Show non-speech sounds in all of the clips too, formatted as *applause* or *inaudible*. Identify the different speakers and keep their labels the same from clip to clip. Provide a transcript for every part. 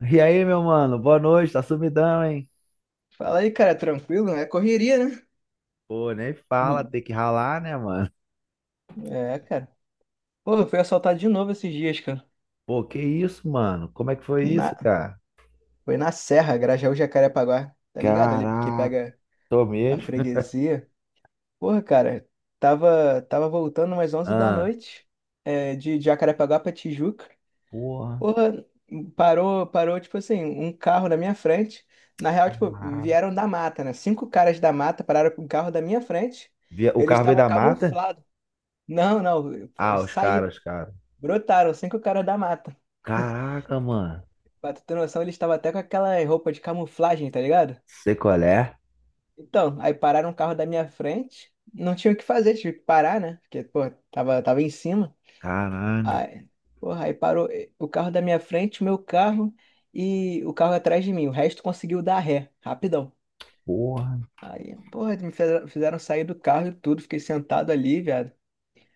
Speaker 1: E aí, meu mano? Boa noite, tá sumidão, hein?
Speaker 2: Fala aí, cara, tranquilo? É correria, né?
Speaker 1: Pô, nem fala,
Speaker 2: Hum.
Speaker 1: tem que ralar, né, mano?
Speaker 2: É, cara. Pô, eu fui assaltado de novo esses dias, cara.
Speaker 1: Pô, que isso, mano? Como é que foi isso,
Speaker 2: Na...
Speaker 1: cara?
Speaker 2: Foi na Serra, Grajaú, Jacarepaguá. Tá ligado ali, porque
Speaker 1: Caraca,
Speaker 2: pega
Speaker 1: tô
Speaker 2: a
Speaker 1: mesmo. *laughs*
Speaker 2: freguesia. Porra, cara, tava voltando umas onze da
Speaker 1: Ah,
Speaker 2: noite, de Jacarepaguá pra Tijuca.
Speaker 1: porra,
Speaker 2: Porra, parou, tipo assim, um carro na minha frente. Na real, tipo,
Speaker 1: cara.
Speaker 2: vieram da mata, né? Cinco caras da mata pararam com um carro da minha frente.
Speaker 1: O
Speaker 2: Eles
Speaker 1: carro veio
Speaker 2: estavam
Speaker 1: da mata?
Speaker 2: camuflados. Não, não,
Speaker 1: Ah, os
Speaker 2: saíram.
Speaker 1: caras, os caras.
Speaker 2: Brotaram cinco caras da mata.
Speaker 1: Caraca, mano.
Speaker 2: Pra tu ter noção, eles estavam até com aquela roupa de camuflagem, tá ligado?
Speaker 1: Sei qual é?
Speaker 2: Então, aí pararam o carro da minha frente. Não tinha o que fazer, tive que parar, né? Porque, pô, tava em cima.
Speaker 1: Caralho,
Speaker 2: Aí, porra, aí parou o carro da minha frente, o meu carro e o carro atrás de mim. O resto conseguiu dar ré, rapidão.
Speaker 1: porra.
Speaker 2: Aí, porra, me fizeram sair do carro e tudo. Fiquei sentado ali, viado.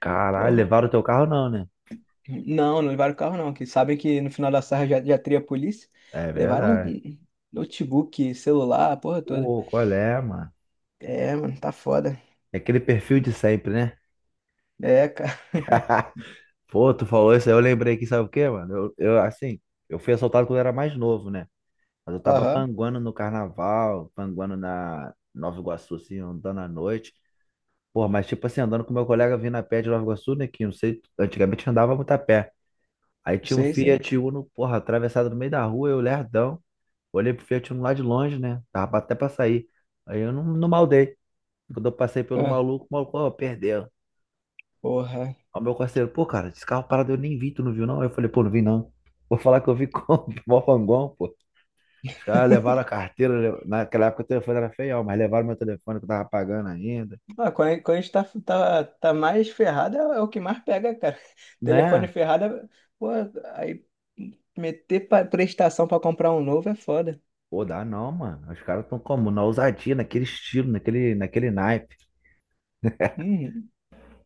Speaker 1: Caralho,
Speaker 2: Porra.
Speaker 1: levaram o teu carro não, né?
Speaker 2: Não, não levaram o carro não, que sabem que no final da sarra já teria a polícia.
Speaker 1: É
Speaker 2: Levaram
Speaker 1: verdade.
Speaker 2: um notebook, celular, a porra toda.
Speaker 1: Pô, qual é, mano?
Speaker 2: É, mano, tá foda.
Speaker 1: É aquele perfil de sempre, né?
Speaker 2: É, cara.
Speaker 1: Pô, tu falou isso aí, eu lembrei que sabe o quê, mano? Eu, assim, eu fui assaltado quando eu era mais novo, né? Mas eu
Speaker 2: *laughs*
Speaker 1: tava
Speaker 2: Aham,
Speaker 1: panguando no carnaval, panguando na Nova Iguaçu, assim, andando à noite. Porra, mas tipo assim, andando com meu colega vindo a pé de Nova Iguaçu, né? Que não sei, antigamente andava muito a pé. Aí tinha um
Speaker 2: sei, sei.
Speaker 1: Fiat Uno, porra, atravessado no meio da rua, eu lerdão. Olhei pro Fiat Uno lá de longe, né? Tava até pra sair. Aí eu não maldei. Quando eu passei pelo
Speaker 2: Ah,
Speaker 1: maluco, o maluco, ó, perdeu.
Speaker 2: porra.
Speaker 1: Aí meu parceiro, pô, cara, esse carro parado eu nem vi, tu não viu não? Aí eu falei, pô, não vi não. Vou falar que eu vi com *laughs* o Fangão, pô. Os caras levaram a
Speaker 2: *laughs*
Speaker 1: carteira, naquela época o telefone era feião, mas levaram meu telefone que eu tava pagando ainda,
Speaker 2: Ah, quando a gente tá mais ferrado, é o que mais pega, cara. *laughs* Telefone
Speaker 1: né?
Speaker 2: ferrado, pô, aí meter prestação pra comprar um novo é foda.
Speaker 1: Pô, dá não, mano. Os caras tão como? Na ousadia, naquele estilo, naquele naipe. *laughs*
Speaker 2: Uhum.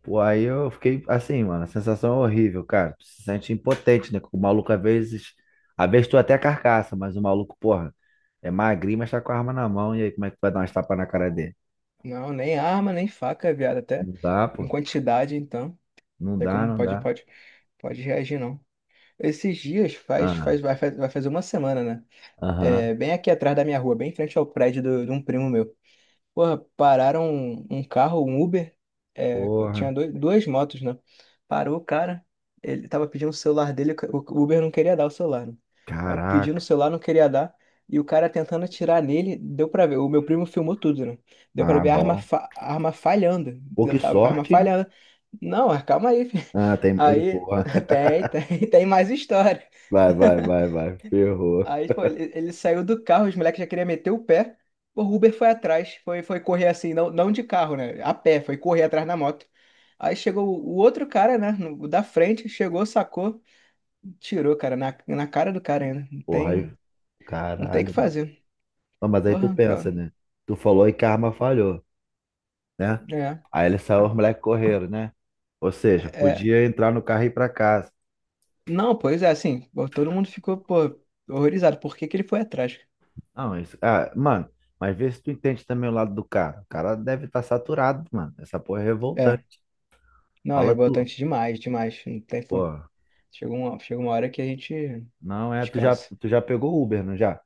Speaker 1: Pô, aí eu fiquei assim, mano, a sensação é horrível, cara. Tu se sente impotente, né? O maluco às vezes tu até carcaça, mas o maluco, porra, é magrinho, mas tá com a arma na mão. E aí, como é que tu vai dar umas tapas na cara dele?
Speaker 2: Não, nem arma, nem faca, viado, até
Speaker 1: Não dá,
Speaker 2: em
Speaker 1: pô.
Speaker 2: quantidade, então. Não
Speaker 1: Não
Speaker 2: sei
Speaker 1: dá,
Speaker 2: como
Speaker 1: não dá.
Speaker 2: pode reagir, não. Esses dias
Speaker 1: Ah,
Speaker 2: vai fazer uma semana, né?
Speaker 1: aham.
Speaker 2: É, bem aqui atrás da minha rua, bem em frente ao prédio de um primo meu. Porra, pararam um carro, um Uber. É,
Speaker 1: Porra.
Speaker 2: tinha duas motos, né? Parou o cara. Ele tava pedindo o celular dele, o Uber não queria dar o celular, né? Aí pedindo o
Speaker 1: Caraca.
Speaker 2: celular, não queria dar. E o cara tentando atirar nele, deu pra ver. O meu primo filmou tudo, né? Deu pra
Speaker 1: Ah,
Speaker 2: ver a arma,
Speaker 1: bom.
Speaker 2: a arma falhando,
Speaker 1: Pô,
Speaker 2: né?
Speaker 1: que
Speaker 2: Tá, A arma
Speaker 1: sorte, hein?
Speaker 2: falhando. Não, calma aí, filho.
Speaker 1: Ah, tem. Ei,
Speaker 2: Aí
Speaker 1: porra.
Speaker 2: *laughs*
Speaker 1: *laughs*
Speaker 2: tem mais história.
Speaker 1: Vai, vai, vai, vai. Ferrou.
Speaker 2: Aí, pô, ele saiu do carro, os moleques já queriam meter o pé. Pô, o Uber foi atrás, foi correr assim, não de carro, né? A pé, foi correr atrás na moto. Aí chegou o outro cara, né? O da frente, chegou, sacou, tirou, cara, na cara do cara ainda.
Speaker 1: Porra, aí.
Speaker 2: Não tem o que
Speaker 1: Caralho, mano.
Speaker 2: fazer.
Speaker 1: Ah, mas aí tu
Speaker 2: Porra, ó,
Speaker 1: pensa, né? Tu falou e karma falhou, né?
Speaker 2: é,
Speaker 1: Aí ele saiu, os moleques correram, né? Ou
Speaker 2: é.
Speaker 1: seja,
Speaker 2: é.
Speaker 1: podia entrar no carro e ir pra casa.
Speaker 2: Não, pois é, assim, pô, todo mundo ficou, pô, horrorizado. Por que que ele foi atrás?
Speaker 1: Não, isso. Ah, mano, mas vê se tu entende também o lado do cara. O cara deve estar saturado, mano. Essa porra é
Speaker 2: É,
Speaker 1: revoltante.
Speaker 2: não, é
Speaker 1: Fala tu.
Speaker 2: revoltante demais, demais. Não tem, pô.
Speaker 1: Pô,
Speaker 2: Chega uma hora que a gente
Speaker 1: não é. Tu já,
Speaker 2: descansa.
Speaker 1: tu já pegou Uber, não já?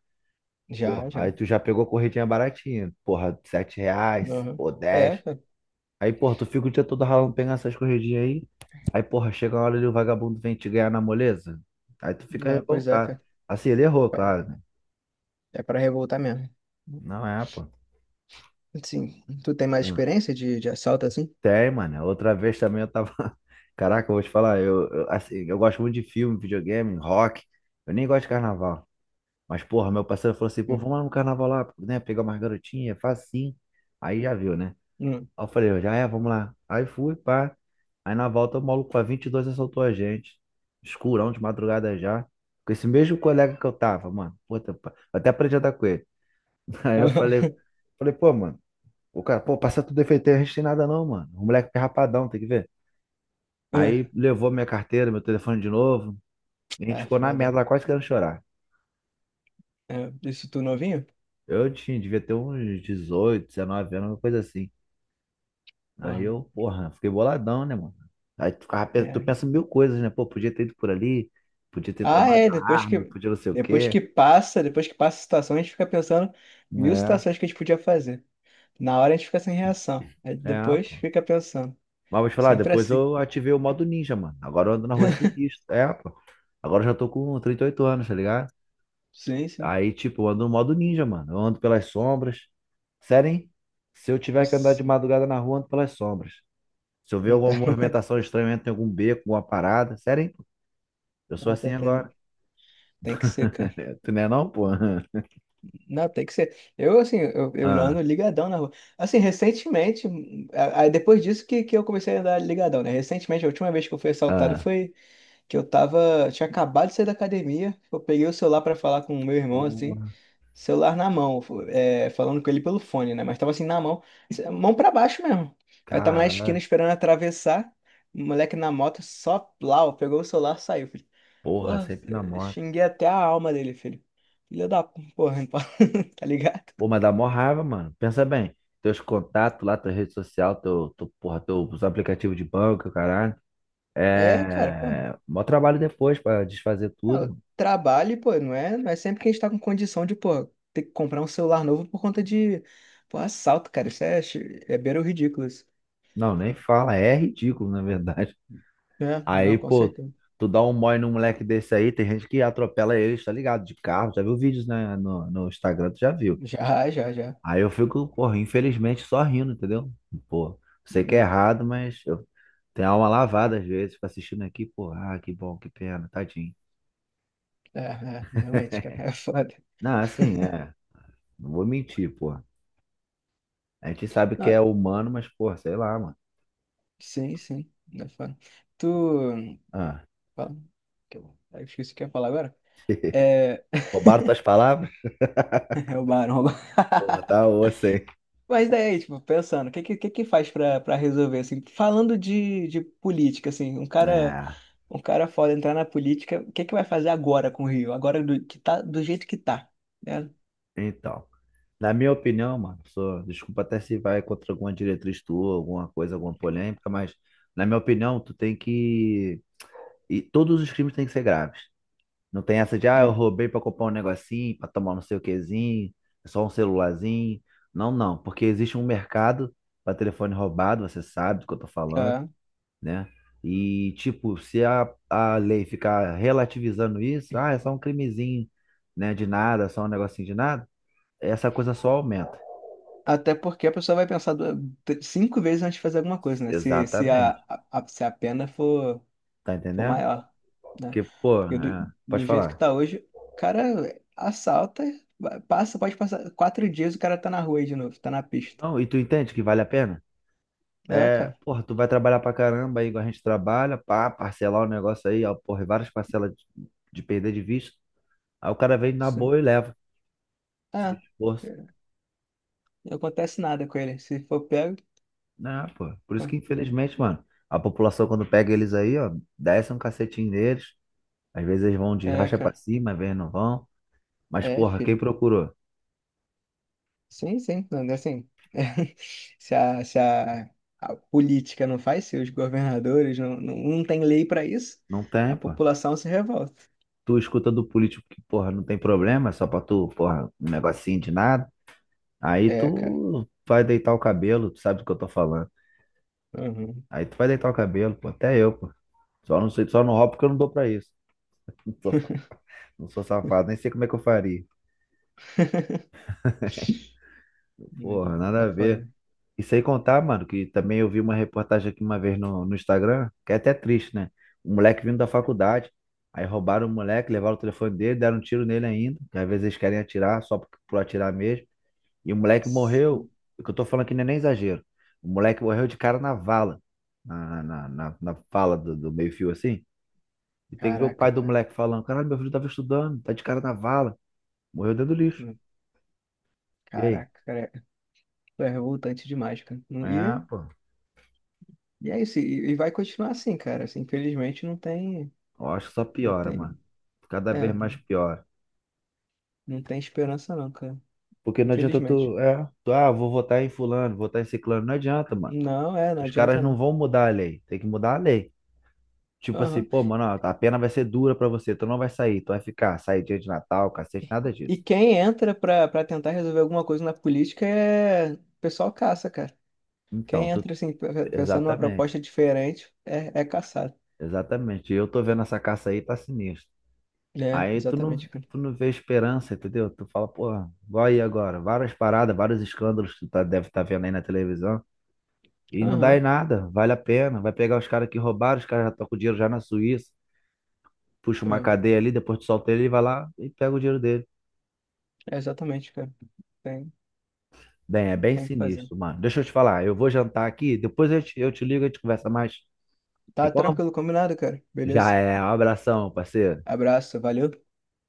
Speaker 1: Pô,
Speaker 2: Já,
Speaker 1: aí
Speaker 2: já.
Speaker 1: tu já pegou corridinha baratinha. Porra, R$ 7,
Speaker 2: Aham.
Speaker 1: pô,
Speaker 2: É,
Speaker 1: 10.
Speaker 2: cara.
Speaker 1: Aí, porra, tu fica o dia todo ralando pegando essas corridinhas aí. Aí, porra, chega uma hora ali o vagabundo vem te ganhar na moleza. Aí tu fica
Speaker 2: Né, pois é,
Speaker 1: revoltado.
Speaker 2: cara.
Speaker 1: Assim, ele errou,
Speaker 2: É,
Speaker 1: claro, né?
Speaker 2: é pra revoltar mesmo.
Speaker 1: Não é, pô.
Speaker 2: Sim. Tu tem mais
Speaker 1: Hum.
Speaker 2: experiência de assalto assim?
Speaker 1: Tem, mano. Outra vez também eu tava. *laughs* Caraca, eu vou te falar, eu, assim, eu gosto muito de filme, videogame, rock. Eu nem gosto de carnaval. Mas, porra, meu parceiro falou assim, pô,
Speaker 2: Hum.
Speaker 1: vamos lá no carnaval lá, né? Pegar umas garotinhas, faz assim. Aí já viu, né?
Speaker 2: Hum.
Speaker 1: Aí eu falei, eu já é, vamos lá. Aí fui, pá. Aí na volta o maluco com a 22 assaltou a gente. Escurão de madrugada já. Com esse mesmo colega que eu tava, mano. Puta, pá. Eu até aprendi a andar com ele. *laughs* Aí eu falei,
Speaker 2: *laughs*
Speaker 1: falei, pô, mano. O cara, pô, passa tudo defeito aí, a gente tem nada não, mano. O moleque é rapadão, tem que ver. Aí levou minha carteira, meu telefone de novo. E a
Speaker 2: Ah,
Speaker 1: gente
Speaker 2: é
Speaker 1: ficou na merda
Speaker 2: foda.
Speaker 1: lá, quase querendo chorar.
Speaker 2: É, isso tu novinho?
Speaker 1: Eu tinha, devia ter uns 18 19 anos, uma coisa assim. Aí
Speaker 2: Porra.
Speaker 1: eu, porra, fiquei boladão, né, mano? Aí tu
Speaker 2: É.
Speaker 1: pensa mil coisas, né? Pô, podia ter ido por ali, podia ter
Speaker 2: Ah,
Speaker 1: tomado
Speaker 2: é.
Speaker 1: a arma, podia não sei o quê.
Speaker 2: Depois que passa a situação, a gente fica pensando mil situações que a gente podia fazer. Na hora a gente fica sem reação. Aí
Speaker 1: É, é,
Speaker 2: depois
Speaker 1: pô.
Speaker 2: fica pensando.
Speaker 1: Mas vou te falar,
Speaker 2: Sempre
Speaker 1: depois
Speaker 2: assim.
Speaker 1: eu ativei o modo ninja, mano. Agora eu ando na rua sinistro. É, pô. Agora eu já tô com 38 anos, tá ligado?
Speaker 2: Sim, sim.
Speaker 1: Aí, tipo, eu ando no modo ninja, mano. Eu ando pelas sombras. Sério, hein? Se eu tiver que andar de
Speaker 2: Isso.
Speaker 1: madrugada na rua, eu ando pelas sombras. Se eu ver
Speaker 2: Não
Speaker 1: alguma
Speaker 2: tá. *laughs*
Speaker 1: movimentação estranha, eu entro em algum beco, alguma parada. Sério, hein? Eu sou
Speaker 2: Não,
Speaker 1: assim
Speaker 2: tá- tá-
Speaker 1: agora.
Speaker 2: Tem que ser, cara.
Speaker 1: Tu não é não, pô? *laughs*
Speaker 2: Não, tem que ser. Eu, assim, eu ando
Speaker 1: Ah.
Speaker 2: ligadão na rua. Assim, recentemente, depois disso que eu comecei a andar ligadão, né? Recentemente, a última vez que eu fui assaltado
Speaker 1: Ah,
Speaker 2: foi que eu tava, tinha acabado de sair da academia, eu peguei o celular pra falar com o meu irmão, assim,
Speaker 1: porra,
Speaker 2: celular na mão, é, falando com ele pelo fone, né? Mas tava assim, na mão, assim, mão pra baixo mesmo. Eu tava na esquina
Speaker 1: caralho.
Speaker 2: esperando atravessar, o moleque na moto, só plau, pegou o celular, saiu, filho.
Speaker 1: Porra,
Speaker 2: Porra,
Speaker 1: sempre na moto.
Speaker 2: xinguei até a alma dele, filho. Filho da porra, *laughs* tá ligado?
Speaker 1: Pô, mas dá mó raiva, mano. Pensa bem. Teus contatos lá, tua rede social, teu, porra, teus aplicativos de banco, caralho.
Speaker 2: É, cara, pô,
Speaker 1: É. Mó trabalho depois pra desfazer
Speaker 2: ah,
Speaker 1: tudo.
Speaker 2: trabalho, pô, não é sempre que a gente tá com condição de, pô, ter que comprar um celular novo por conta de, pô, assalto, cara, isso é, é beira o ridículo, isso.
Speaker 1: Não, nem fala. É ridículo, na verdade. *laughs*
Speaker 2: É, não,
Speaker 1: Aí,
Speaker 2: com
Speaker 1: pô,
Speaker 2: certeza.
Speaker 1: tu dá um mói num moleque desse aí, tem gente que atropela eles, tá ligado? De carro. Já viu vídeos, né, no Instagram, tu já viu.
Speaker 2: Já, já, já.
Speaker 1: Aí eu fico, porra, infelizmente só rindo, entendeu? Pô, sei que é
Speaker 2: Não,
Speaker 1: errado, mas eu tenho a alma lavada às vezes, fico assistindo aqui, pô, ah, que bom, que pena, tadinho.
Speaker 2: é, é, realmente, cara, *laughs*
Speaker 1: *laughs*
Speaker 2: é foda.
Speaker 1: Não, assim, é, não vou mentir, pô. A gente sabe que
Speaker 2: Não,
Speaker 1: é humano, mas, pô, sei lá, mano.
Speaker 2: sim, sim, é foda. Tu,
Speaker 1: Ah,
Speaker 2: fala, que eu esqueci o que eu ia falar agora. É,
Speaker 1: roubaram tuas palavras?
Speaker 2: *laughs* é o barão.
Speaker 1: Pô, tá osso, hein?
Speaker 2: Mas daí, tipo, pensando, o que faz pra pra resolver, assim, falando de política, assim,
Speaker 1: É,
Speaker 2: um cara foda entrar na política, o que que vai fazer agora com o Rio? Agora que tá, do jeito que tá, né?
Speaker 1: então. Na minha opinião, mano, sou, desculpa até se vai contra alguma diretriz tua, alguma coisa, alguma polêmica, mas na minha opinião, tu tem que. E todos os crimes têm que ser graves. Não tem essa de, ah, eu roubei pra comprar um negocinho, pra tomar não sei o quezinho, é só um celularzinho. Não, não, porque existe um mercado pra telefone roubado, você sabe do que eu tô
Speaker 2: É,
Speaker 1: falando,
Speaker 2: é.
Speaker 1: né? E, tipo, se a, a lei ficar relativizando isso, ah, é só um crimezinho, né, de nada, é só um negocinho de nada, essa coisa só aumenta.
Speaker 2: Até porque a pessoa vai pensar cinco vezes antes de fazer alguma coisa, né?
Speaker 1: Exatamente.
Speaker 2: Se a pena for,
Speaker 1: Tá
Speaker 2: for
Speaker 1: entendendo?
Speaker 2: maior, né?
Speaker 1: Porque, pô,
Speaker 2: Porque
Speaker 1: é, pode
Speaker 2: do jeito que
Speaker 1: falar.
Speaker 2: tá hoje, o cara assalta, passa, pode passar 4 dias, o cara tá na rua aí de novo, tá na pista.
Speaker 1: Não, e tu entende que vale a pena?
Speaker 2: É,
Speaker 1: É,
Speaker 2: cara.
Speaker 1: porra, tu vai trabalhar pra caramba aí, igual a gente trabalha, pá, parcelar o negócio aí, ó, porra, e várias parcelas de perder de vista. Aí o cara vem na boa e leva, sem
Speaker 2: Ah,
Speaker 1: esforço.
Speaker 2: não acontece nada com ele. Se for pego.
Speaker 1: Né, pô. Por isso que, infelizmente, mano, a população, quando pega eles aí, ó, desce um cacetinho neles. Às vezes eles vão de
Speaker 2: É,
Speaker 1: racha pra
Speaker 2: cara.
Speaker 1: cima, às vezes não vão. Mas,
Speaker 2: É,
Speaker 1: porra, quem
Speaker 2: filho.
Speaker 1: procurou?
Speaker 2: Sim, sim. Não, assim. *laughs* Se a, a política não faz, se os governadores não tem lei para isso,
Speaker 1: Não tem,
Speaker 2: a
Speaker 1: pô.
Speaker 2: população se revolta.
Speaker 1: Tu escuta do político que, porra, não tem problema, é só pra tu, porra, um negocinho de nada. Aí
Speaker 2: É, cara.
Speaker 1: tu vai deitar o cabelo, tu sabe do que eu tô falando.
Speaker 2: Uhum.
Speaker 1: Aí tu vai deitar o cabelo, pô. Até eu, pô. Só não sei, só não roubo porque eu não dou pra isso. *laughs* Não sou, sa- não sou safado, nem sei como é que eu faria.
Speaker 2: *laughs* Não,
Speaker 1: Porra, nada
Speaker 2: tá
Speaker 1: a ver.
Speaker 2: foda.
Speaker 1: E sem contar, mano, que também eu vi uma reportagem aqui uma vez no Instagram, que é até triste, né? Um moleque vindo da faculdade. Aí roubaram o moleque, levaram o telefone dele, deram um tiro nele ainda. Que às vezes eles querem atirar, só por atirar mesmo. E o moleque morreu.
Speaker 2: Sim.
Speaker 1: O que eu tô falando aqui não é nem exagero. O moleque morreu de cara na vala. Na vala do meio-fio assim. E tem que ver o pai
Speaker 2: Caraca,
Speaker 1: do
Speaker 2: cara.
Speaker 1: moleque falando: Caralho, meu filho tava estudando, tá de cara na vala, morreu dentro do lixo.
Speaker 2: Não,
Speaker 1: E aí?
Speaker 2: Caraca, cara. Pô, é revoltante demais, cara.
Speaker 1: É, pô,
Speaker 2: E é isso. E vai continuar assim, cara. Assim, infelizmente não tem.
Speaker 1: eu acho que só
Speaker 2: Não
Speaker 1: piora, mano.
Speaker 2: tem.
Speaker 1: Cada vez
Speaker 2: É.
Speaker 1: mais piora.
Speaker 2: Não tem esperança não, cara.
Speaker 1: Porque não adianta
Speaker 2: Infelizmente.
Speaker 1: tu, vou votar em fulano, votar em ciclano. Não adianta, mano.
Speaker 2: Não, é, não
Speaker 1: Os
Speaker 2: adianta
Speaker 1: caras não
Speaker 2: não.
Speaker 1: vão mudar a lei, tem que mudar a lei. Tipo assim,
Speaker 2: Aham.
Speaker 1: pô, mano, ó, a pena vai ser dura pra você, tu não vai sair, tu vai ficar, sair dia de Natal, cacete, nada
Speaker 2: E
Speaker 1: disso.
Speaker 2: quem entra pra tentar resolver alguma coisa na política é... O pessoal caça, cara.
Speaker 1: Então,
Speaker 2: Quem
Speaker 1: tu,
Speaker 2: entra, assim, pensando numa
Speaker 1: exatamente,
Speaker 2: proposta diferente, é caçado.
Speaker 1: exatamente. E eu tô vendo essa caça aí, tá sinistro.
Speaker 2: É,
Speaker 1: Aí
Speaker 2: exatamente, cara.
Speaker 1: tu não vê esperança, entendeu? Tu fala, porra, igual aí agora, várias paradas, vários escândalos que tu tá, deve estar vendo aí na televisão, e não dá em
Speaker 2: Aham.
Speaker 1: nada, vale a pena. Vai pegar os caras que roubaram, os caras já estão com o dinheiro já na Suíça, puxa uma
Speaker 2: É,
Speaker 1: cadeia ali, depois tu solta ele e vai lá e pega o dinheiro dele.
Speaker 2: é exatamente, cara. Tem,
Speaker 1: Bem, é bem
Speaker 2: tem que fazer.
Speaker 1: sinistro, mano. Deixa eu te falar, eu vou jantar aqui, depois eu te ligo e a gente conversa mais. Tem
Speaker 2: Tá
Speaker 1: como?
Speaker 2: tranquilo, combinado, cara.
Speaker 1: Já
Speaker 2: Beleza?
Speaker 1: é, um abração, parceiro.
Speaker 2: Abraço, valeu.